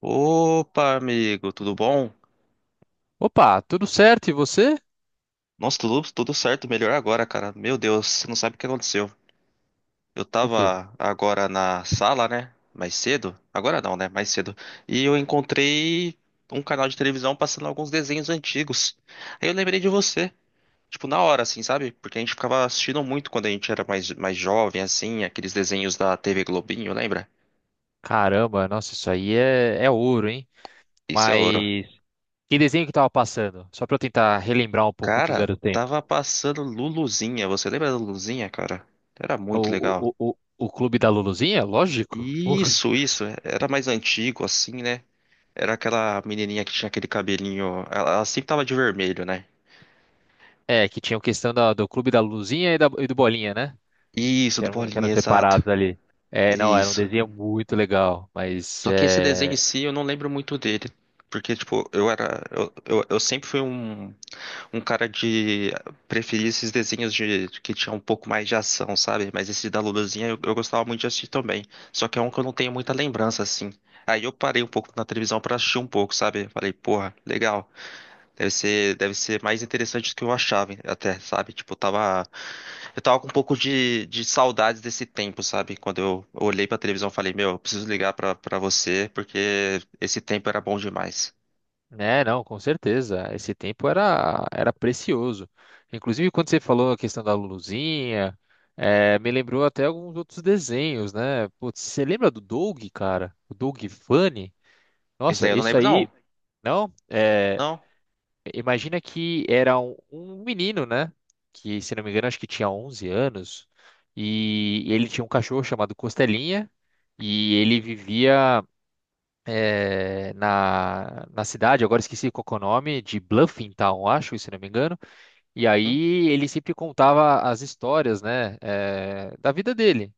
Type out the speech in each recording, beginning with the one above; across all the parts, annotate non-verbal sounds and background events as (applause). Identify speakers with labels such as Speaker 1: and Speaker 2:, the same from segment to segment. Speaker 1: Opa, amigo, tudo bom?
Speaker 2: Opa, tudo certo? E você?
Speaker 1: Nossa, tudo certo, melhor agora, cara. Meu Deus, você não sabe o que aconteceu. Eu
Speaker 2: O quê?
Speaker 1: tava agora na sala, né? Mais cedo. Agora não, né? Mais cedo. E eu encontrei um canal de televisão passando alguns desenhos antigos. Aí eu lembrei de você. Tipo, na hora, assim, sabe? Porque a gente ficava assistindo muito quando a gente era mais jovem, assim, aqueles desenhos da TV Globinho, lembra?
Speaker 2: Caramba, nossa, isso aí é ouro, hein?
Speaker 1: Isso é ouro.
Speaker 2: Mas que desenho que tava passando? Só pra eu tentar relembrar um pouco dos
Speaker 1: Cara,
Speaker 2: velhos tempos.
Speaker 1: tava passando Luluzinha. Você lembra da Luluzinha, cara? Era
Speaker 2: O,
Speaker 1: muito legal.
Speaker 2: o, o, o o Clube da Luluzinha? Lógico. Porra.
Speaker 1: Isso, isso. Era mais antigo, assim, né? Era aquela menininha que tinha aquele cabelinho. Ela sempre tava de vermelho, né?
Speaker 2: É, que tinha a questão do Clube da Luluzinha e do Bolinha, né?
Speaker 1: Isso,
Speaker 2: Que
Speaker 1: do
Speaker 2: eram, que eram
Speaker 1: Bolinha, exato.
Speaker 2: separados ali. É, não, era um
Speaker 1: Isso.
Speaker 2: desenho muito legal, mas
Speaker 1: Só que esse desenho em
Speaker 2: é.
Speaker 1: si eu não lembro muito dele. Porque, tipo, eu era. Eu sempre fui um, um cara de preferir esses desenhos de, que tinha um pouco mais de ação, sabe? Mas esse da Luluzinha eu gostava muito de assistir também. Só que é um que eu não tenho muita lembrança, assim. Aí eu parei um pouco na televisão pra assistir um pouco, sabe? Falei, porra, legal. Deve ser mais interessante do que eu achava, até, sabe? Tipo, eu tava com um pouco de saudades desse tempo, sabe? Quando eu olhei pra televisão, eu falei, meu, eu preciso ligar pra, pra você, porque esse tempo era bom demais.
Speaker 2: É, não, com certeza. Esse tempo era precioso. Inclusive, quando você falou a questão da Luluzinha, me lembrou até alguns outros desenhos, né? Putz, você lembra do Doug, cara? O Doug Funny?
Speaker 1: Isso daí
Speaker 2: Nossa,
Speaker 1: eu não
Speaker 2: isso
Speaker 1: lembro,
Speaker 2: aí,
Speaker 1: não.
Speaker 2: não? É,
Speaker 1: Não?
Speaker 2: imagina que era um menino, né? Que, se não me engano, acho que tinha 11 anos. E ele tinha um cachorro chamado Costelinha. E ele vivia na cidade, agora esqueci qual que é o nome, de Bluffing Town, acho, se não me engano. E
Speaker 1: Hum?
Speaker 2: aí ele sempre contava as histórias, né, da vida dele.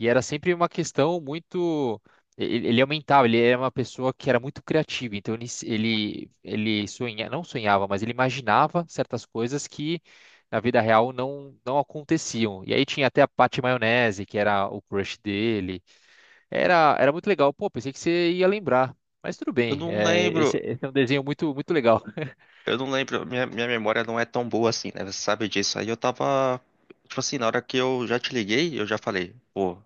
Speaker 2: E era sempre uma questão muito. Ele aumentava, ele era uma pessoa que era muito criativa, então ele não sonhava, mas ele imaginava certas coisas que na vida real não aconteciam. E aí tinha até a Patty Maionese, que era o crush dele. Era muito legal. Pô, pensei que você ia lembrar. Mas tudo
Speaker 1: Eu
Speaker 2: bem.
Speaker 1: não
Speaker 2: É, esse,
Speaker 1: lembro.
Speaker 2: esse é um desenho muito legal.
Speaker 1: Eu não lembro. Minha memória não é tão boa assim, né? Você sabe disso. Aí eu tava, tipo assim, na hora que eu já te liguei, eu já falei, pô,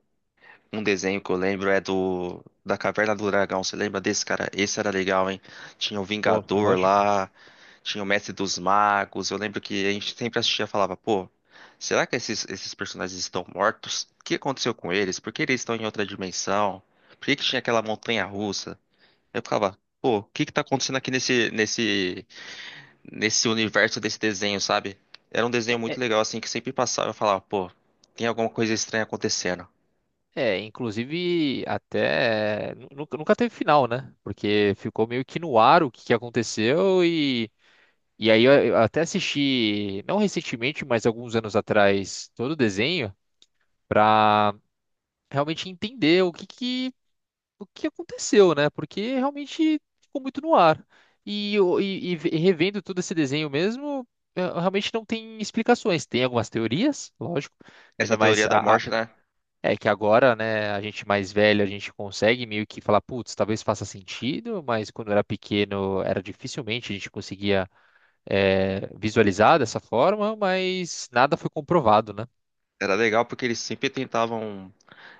Speaker 1: um desenho que eu lembro é do da Caverna do Dragão. Você lembra desse, cara? Esse era legal, hein? Tinha o
Speaker 2: Pô,
Speaker 1: Vingador
Speaker 2: lógico.
Speaker 1: lá, tinha o Mestre dos Magos. Eu lembro que a gente sempre assistia e falava, pô, será que esses personagens estão mortos? O que aconteceu com eles? Por que eles estão em outra dimensão? Por que que tinha aquela montanha russa? Eu ficava, pô, o que que tá acontecendo aqui nesse universo desse desenho, sabe? Era um
Speaker 2: É,
Speaker 1: desenho muito
Speaker 2: é-
Speaker 1: legal assim que sempre passava e eu falava, pô, tem alguma coisa estranha acontecendo.
Speaker 2: inclusive até nunca teve final, né? Porque ficou meio que no ar o que aconteceu, e eu até assisti, não recentemente, mas alguns anos atrás, todo o desenho pra realmente entender o que aconteceu, né? Porque realmente ficou muito no ar. E revendo todo esse desenho mesmo, realmente não tem explicações. Tem algumas teorias, lógico,
Speaker 1: Essa
Speaker 2: ainda mais
Speaker 1: teoria da morte, né?
Speaker 2: é que agora, né, a gente mais velho, a gente consegue meio que falar, putz, talvez faça sentido, mas quando era pequeno era dificilmente a gente conseguia visualizar dessa forma, mas nada foi comprovado, né?
Speaker 1: Era legal porque eles sempre tentavam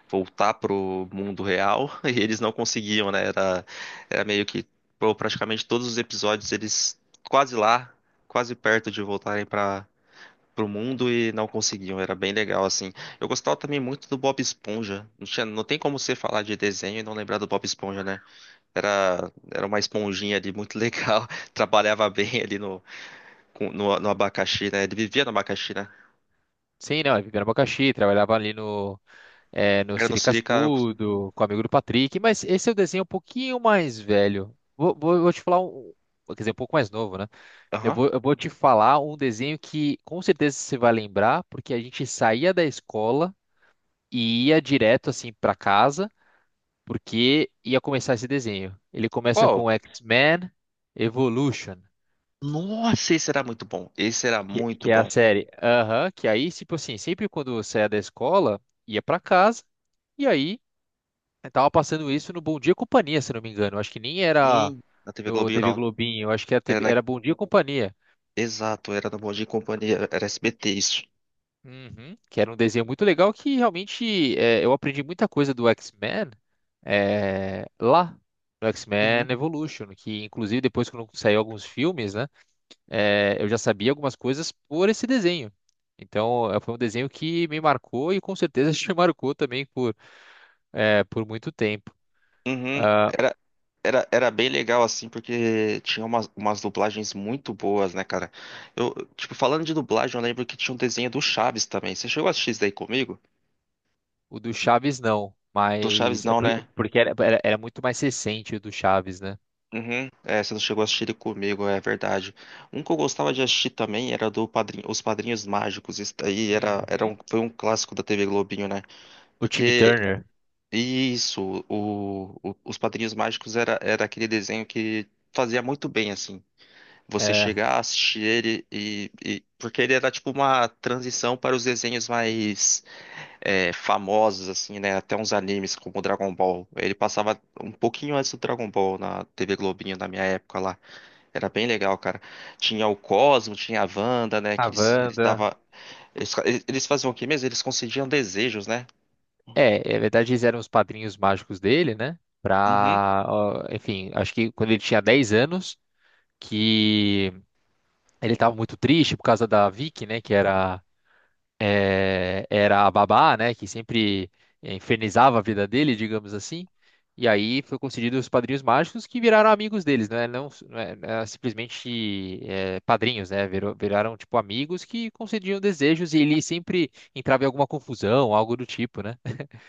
Speaker 1: voltar pro mundo real (laughs) e eles não conseguiam, né? Era, era meio que, pô, praticamente todos os episódios eles quase lá, quase perto de voltarem para pro mundo e não conseguiam. Era bem legal, assim. Eu gostava também muito do Bob Esponja. Não tinha, não tem como você falar de desenho e não lembrar do Bob Esponja, né? Era, era uma esponjinha ali muito legal. (laughs) Trabalhava bem ali no abacaxi, né? Ele vivia no abacaxi, né?
Speaker 2: Sim, não, é Viviane Abacaxi, trabalhava ali no
Speaker 1: Era no
Speaker 2: Siri
Speaker 1: Sirica.
Speaker 2: Cascudo, com o amigo do Patrick, mas esse é o desenho um pouquinho mais velho. Vou te falar um. Quer dizer, um pouco mais novo, né? Eu
Speaker 1: Aham.
Speaker 2: vou, eu vou te falar um desenho que com certeza você vai lembrar, porque a gente saía da escola e ia direto assim para casa, porque ia começar esse desenho. Ele começa
Speaker 1: Qual?
Speaker 2: com X-Men Evolution,
Speaker 1: Nossa, esse era muito bom. Esse era muito
Speaker 2: que é
Speaker 1: bom.
Speaker 2: a série. Aham, que aí, tipo assim, sempre quando eu saía da escola, ia para casa. E aí eu tava passando isso no Bom Dia e Companhia, se não me engano. Acho que nem era
Speaker 1: Sim, na TV
Speaker 2: no
Speaker 1: Globinho
Speaker 2: TV
Speaker 1: não.
Speaker 2: Globinho, acho que era,
Speaker 1: Era
Speaker 2: TV
Speaker 1: na...
Speaker 2: era Bom Dia e Companhia.
Speaker 1: Exato, era no Bom Dia e Companhia, era SBT isso.
Speaker 2: Uhum. Que era um desenho muito legal que realmente é, eu aprendi muita coisa do X-Men lá. No X-Men
Speaker 1: Uhum,
Speaker 2: Evolution, que inclusive depois quando saiu alguns filmes, né, eu já sabia algumas coisas por esse desenho. Então, é, foi um desenho que me marcou e com certeza (laughs) te marcou também por, por muito tempo.
Speaker 1: uhum.
Speaker 2: Ah,
Speaker 1: Era bem legal assim, porque tinha umas, umas dublagens muito boas, né, cara? Eu, tipo, falando de dublagem, eu lembro que tinha um desenho do Chaves também. Você chegou a assistir isso daí comigo?
Speaker 2: o do Chaves não,
Speaker 1: Do Chaves
Speaker 2: mas é
Speaker 1: não, né?
Speaker 2: porque era muito mais recente o do Chaves, né?
Speaker 1: Uhum. É, você não chegou a assistir ele comigo, é verdade. Um que eu gostava de assistir também era do Padrinho, Os Padrinhos Mágicos. Isso daí era, era um,
Speaker 2: Uhum.
Speaker 1: foi um clássico da TV Globinho, né?
Speaker 2: O Timmy
Speaker 1: Porque
Speaker 2: Turner,
Speaker 1: isso, o- os Padrinhos Mágicos era, era aquele desenho que fazia muito bem, assim. Você
Speaker 2: é,
Speaker 1: chegar, assistir ele e- porque ele era tipo uma transição para os desenhos mais é, famosos, assim, né? Até uns animes como Dragon Ball. Ele passava um pouquinho antes do Dragon Ball na TV Globinho, na minha época lá. Era bem legal, cara. Tinha o Cosmo, tinha a Wanda, né? Que
Speaker 2: a
Speaker 1: eles,
Speaker 2: Wanda.
Speaker 1: tava, eles, eles faziam o quê mesmo? Eles concediam desejos, né?
Speaker 2: É, na verdade eles eram os padrinhos mágicos dele, né?
Speaker 1: Uhum.
Speaker 2: Pra, ó, enfim, acho que quando ele tinha 10 anos, que ele tava muito triste por causa da Vicky, né? Que era era a babá, né, que sempre infernizava a vida dele, digamos assim. E aí foi concedido os padrinhos mágicos que viraram amigos deles, né? Não é simplesmente padrinhos, né? Viraram tipo amigos que concediam desejos e ele sempre entrava em alguma confusão, algo do tipo, né?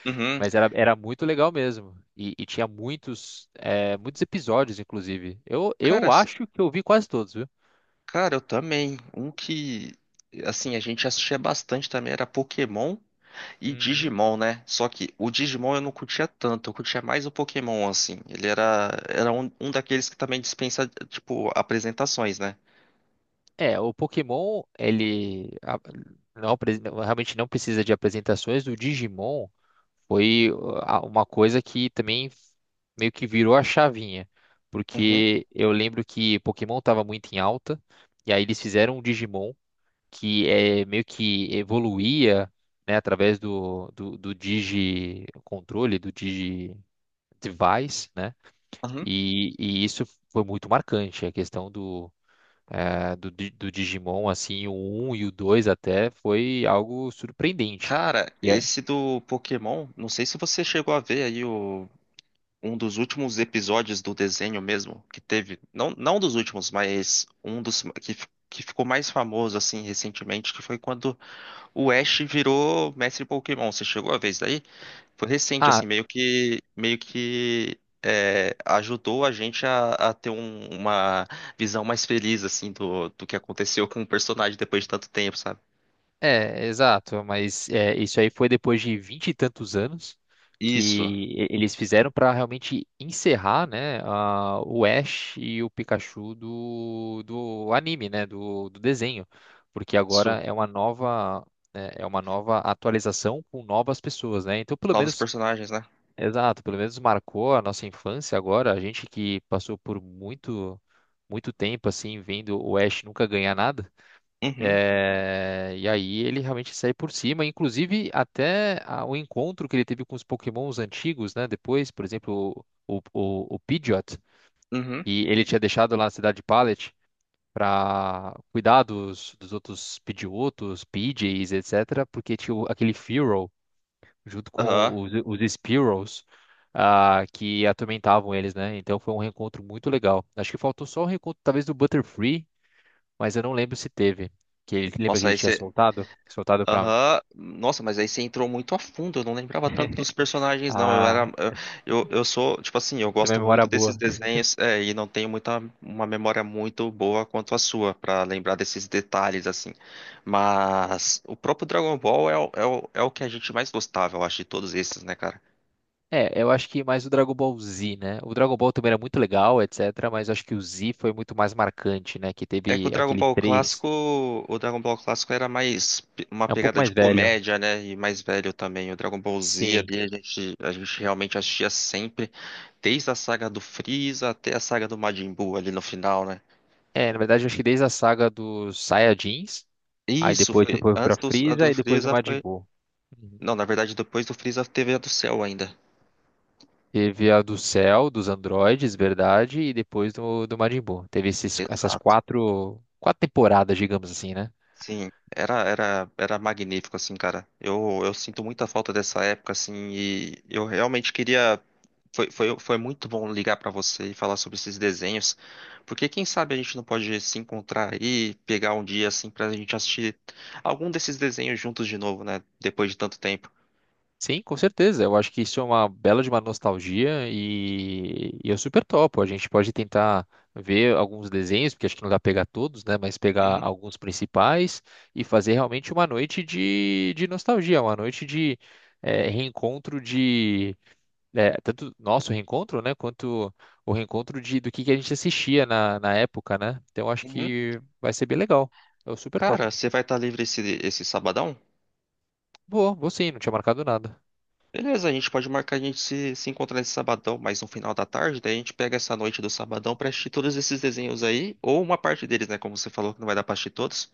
Speaker 1: Uhum.
Speaker 2: Mas era muito legal mesmo. E tinha muitos, muitos episódios, inclusive. Eu,
Speaker 1: Cara,
Speaker 2: eu
Speaker 1: s-
Speaker 2: acho que eu vi quase todos, viu?
Speaker 1: cara, eu também. Um que, assim, a gente assistia bastante também era Pokémon e
Speaker 2: Uhum.
Speaker 1: Digimon, né? Só que o Digimon eu não curtia tanto, eu curtia mais o Pokémon, assim. Ele era, era um, um daqueles que também dispensa, tipo, apresentações, né?
Speaker 2: É, o Pokémon, realmente não precisa de apresentações. O Digimon foi uma coisa que também meio que virou a chavinha,
Speaker 1: Uhum,
Speaker 2: porque eu lembro que Pokémon estava muito em alta, e aí eles fizeram um Digimon que é meio que evoluía, né, através do Digi controle, do Digi device, né?
Speaker 1: uhum.
Speaker 2: E isso foi muito marcante, a questão do eh, do, Di- do Digimon, assim, o um e o 2 até, foi algo surpreendente.
Speaker 1: Cara,
Speaker 2: E é-
Speaker 1: esse do Pokémon, não sei se você chegou a ver aí um dos últimos episódios do desenho mesmo, que teve, não, não dos últimos, mas um dos que, fi- que ficou mais famoso assim recentemente, que foi quando o Ash virou mestre Pokémon. Você chegou a ver isso daí? Foi recente
Speaker 2: Ah,
Speaker 1: assim, meio que é, ajudou a gente a ter um- uma visão mais feliz assim do, do que aconteceu com o personagem depois de tanto tempo, sabe?
Speaker 2: é, exato, mas é, isso aí foi depois de vinte e tantos anos que
Speaker 1: Isso,
Speaker 2: eles fizeram para realmente encerrar, né, o Ash e o Pikachu do anime, né, do desenho, porque
Speaker 1: isso.
Speaker 2: agora é uma nova, né, é uma nova atualização com novas pessoas, né? Então, pelo
Speaker 1: Novos
Speaker 2: menos
Speaker 1: personagens, né?
Speaker 2: exato, pelo menos marcou a nossa infância agora, a gente que passou por muito muito tempo assim vendo o Ash nunca ganhar nada.
Speaker 1: Uhum,
Speaker 2: É, e aí ele realmente sai por cima, inclusive até o encontro que ele teve com os Pokémons antigos, né? Depois, por exemplo, o Pidgeot,
Speaker 1: uhum,
Speaker 2: e ele tinha deixado lá na cidade de Pallet para cuidar dos outros Pidgeotos, Pidgeys, etc., porque tinha aquele Fearow junto
Speaker 1: aham.
Speaker 2: com os Sparrows, ah, que atormentavam eles, né? Então foi um reencontro muito legal. Acho que faltou só o reencontro, talvez, do Butterfree, mas eu não lembro se teve. Que ele, lembra que
Speaker 1: Nossa,
Speaker 2: ele
Speaker 1: aí
Speaker 2: tinha soltado? Soltado pra.
Speaker 1: aham, nossa, mas aí você entrou muito a fundo. Eu não lembrava tanto dos personagens, não. Eu era,
Speaker 2: Ah,
Speaker 1: eu sou, tipo assim, eu
Speaker 2: tem uma
Speaker 1: gosto
Speaker 2: memória
Speaker 1: muito desses
Speaker 2: boa.
Speaker 1: desenhos, é, e não tenho muita, uma memória muito boa quanto a sua pra lembrar desses detalhes, assim. Mas o próprio Dragon Ball é, o- é, o- é o que a gente mais gostava, eu acho, de todos esses, né, cara?
Speaker 2: É, eu acho que mais o Dragon Ball Z, né? O Dragon Ball também era muito legal, etc. Mas acho que o Z foi muito mais marcante, né? Que
Speaker 1: É que o
Speaker 2: teve
Speaker 1: Dragon
Speaker 2: aquele
Speaker 1: Ball
Speaker 2: três.
Speaker 1: clássico, o Dragon Ball clássico era mais pe- uma
Speaker 2: É um pouco
Speaker 1: pegada de
Speaker 2: mais velho.
Speaker 1: comédia, né? E mais velho também. O Dragon Ball Z
Speaker 2: Sim.
Speaker 1: ali a gente realmente assistia sempre. Desde a saga do Freeza até a saga do Majin Buu ali no final, né?
Speaker 2: É, na verdade, eu acho que desde a saga dos Saiyajins. Aí
Speaker 1: Isso,
Speaker 2: depois você
Speaker 1: foi.
Speaker 2: foi pra
Speaker 1: Antes do, antes
Speaker 2: Frieza
Speaker 1: do
Speaker 2: e depois do
Speaker 1: Freeza
Speaker 2: Majin
Speaker 1: foi.
Speaker 2: Buu. Uhum.
Speaker 1: Não, na verdade, depois do Freeza teve a do Cell ainda.
Speaker 2: Teve a do Cell, dos androides, verdade, e depois do Majin Buu. Teve essas
Speaker 1: Exato.
Speaker 2: quatro temporadas, digamos assim, né?
Speaker 1: Sim, era magnífico, assim, cara. Eu sinto muita falta dessa época, assim, e eu realmente queria. Foi muito bom ligar pra você e falar sobre esses desenhos, porque quem sabe a gente não pode se encontrar aí, pegar um dia, assim, pra gente assistir algum desses desenhos juntos de novo, né? Depois de tanto tempo.
Speaker 2: Sim, com certeza. Eu acho que isso é uma bela de uma nostalgia e eu super topo. A gente pode tentar ver alguns desenhos, porque acho que não dá pra pegar todos, né? Mas pegar
Speaker 1: Uhum,
Speaker 2: alguns principais e fazer realmente uma noite de nostalgia, uma noite de reencontro de. É, tanto nosso reencontro, né, quanto o reencontro de, que a gente assistia na época, né? Então acho
Speaker 1: uhum.
Speaker 2: que vai ser bem legal. Eu super
Speaker 1: Cara,
Speaker 2: topo.
Speaker 1: você vai estar livre esse sabadão?
Speaker 2: Vou sim, não tinha marcado nada.
Speaker 1: Beleza, a gente pode marcar a gente se encontrar nesse sabadão, mas no final da tarde, daí a gente pega essa noite do sabadão pra assistir todos esses desenhos aí, ou uma parte deles, né? Como você falou que não vai dar pra assistir todos.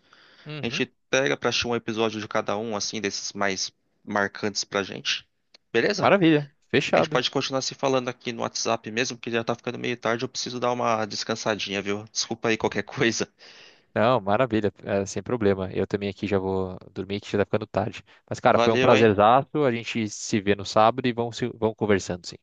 Speaker 1: A
Speaker 2: Uhum,
Speaker 1: gente pega pra assistir um episódio de cada um, assim, desses mais marcantes pra gente. Beleza?
Speaker 2: maravilha,
Speaker 1: A gente
Speaker 2: fechado.
Speaker 1: pode continuar se falando aqui no WhatsApp mesmo, porque já tá ficando meio tarde, eu preciso dar uma descansadinha, viu? Desculpa aí qualquer (laughs) coisa.
Speaker 2: Não, maravilha, é, sem problema. Eu também aqui já vou dormir, que já tá ficando tarde. Mas, cara, foi um
Speaker 1: Valeu, hein?
Speaker 2: prazerzaço. A gente se vê no sábado e vamos, vamos conversando, sim.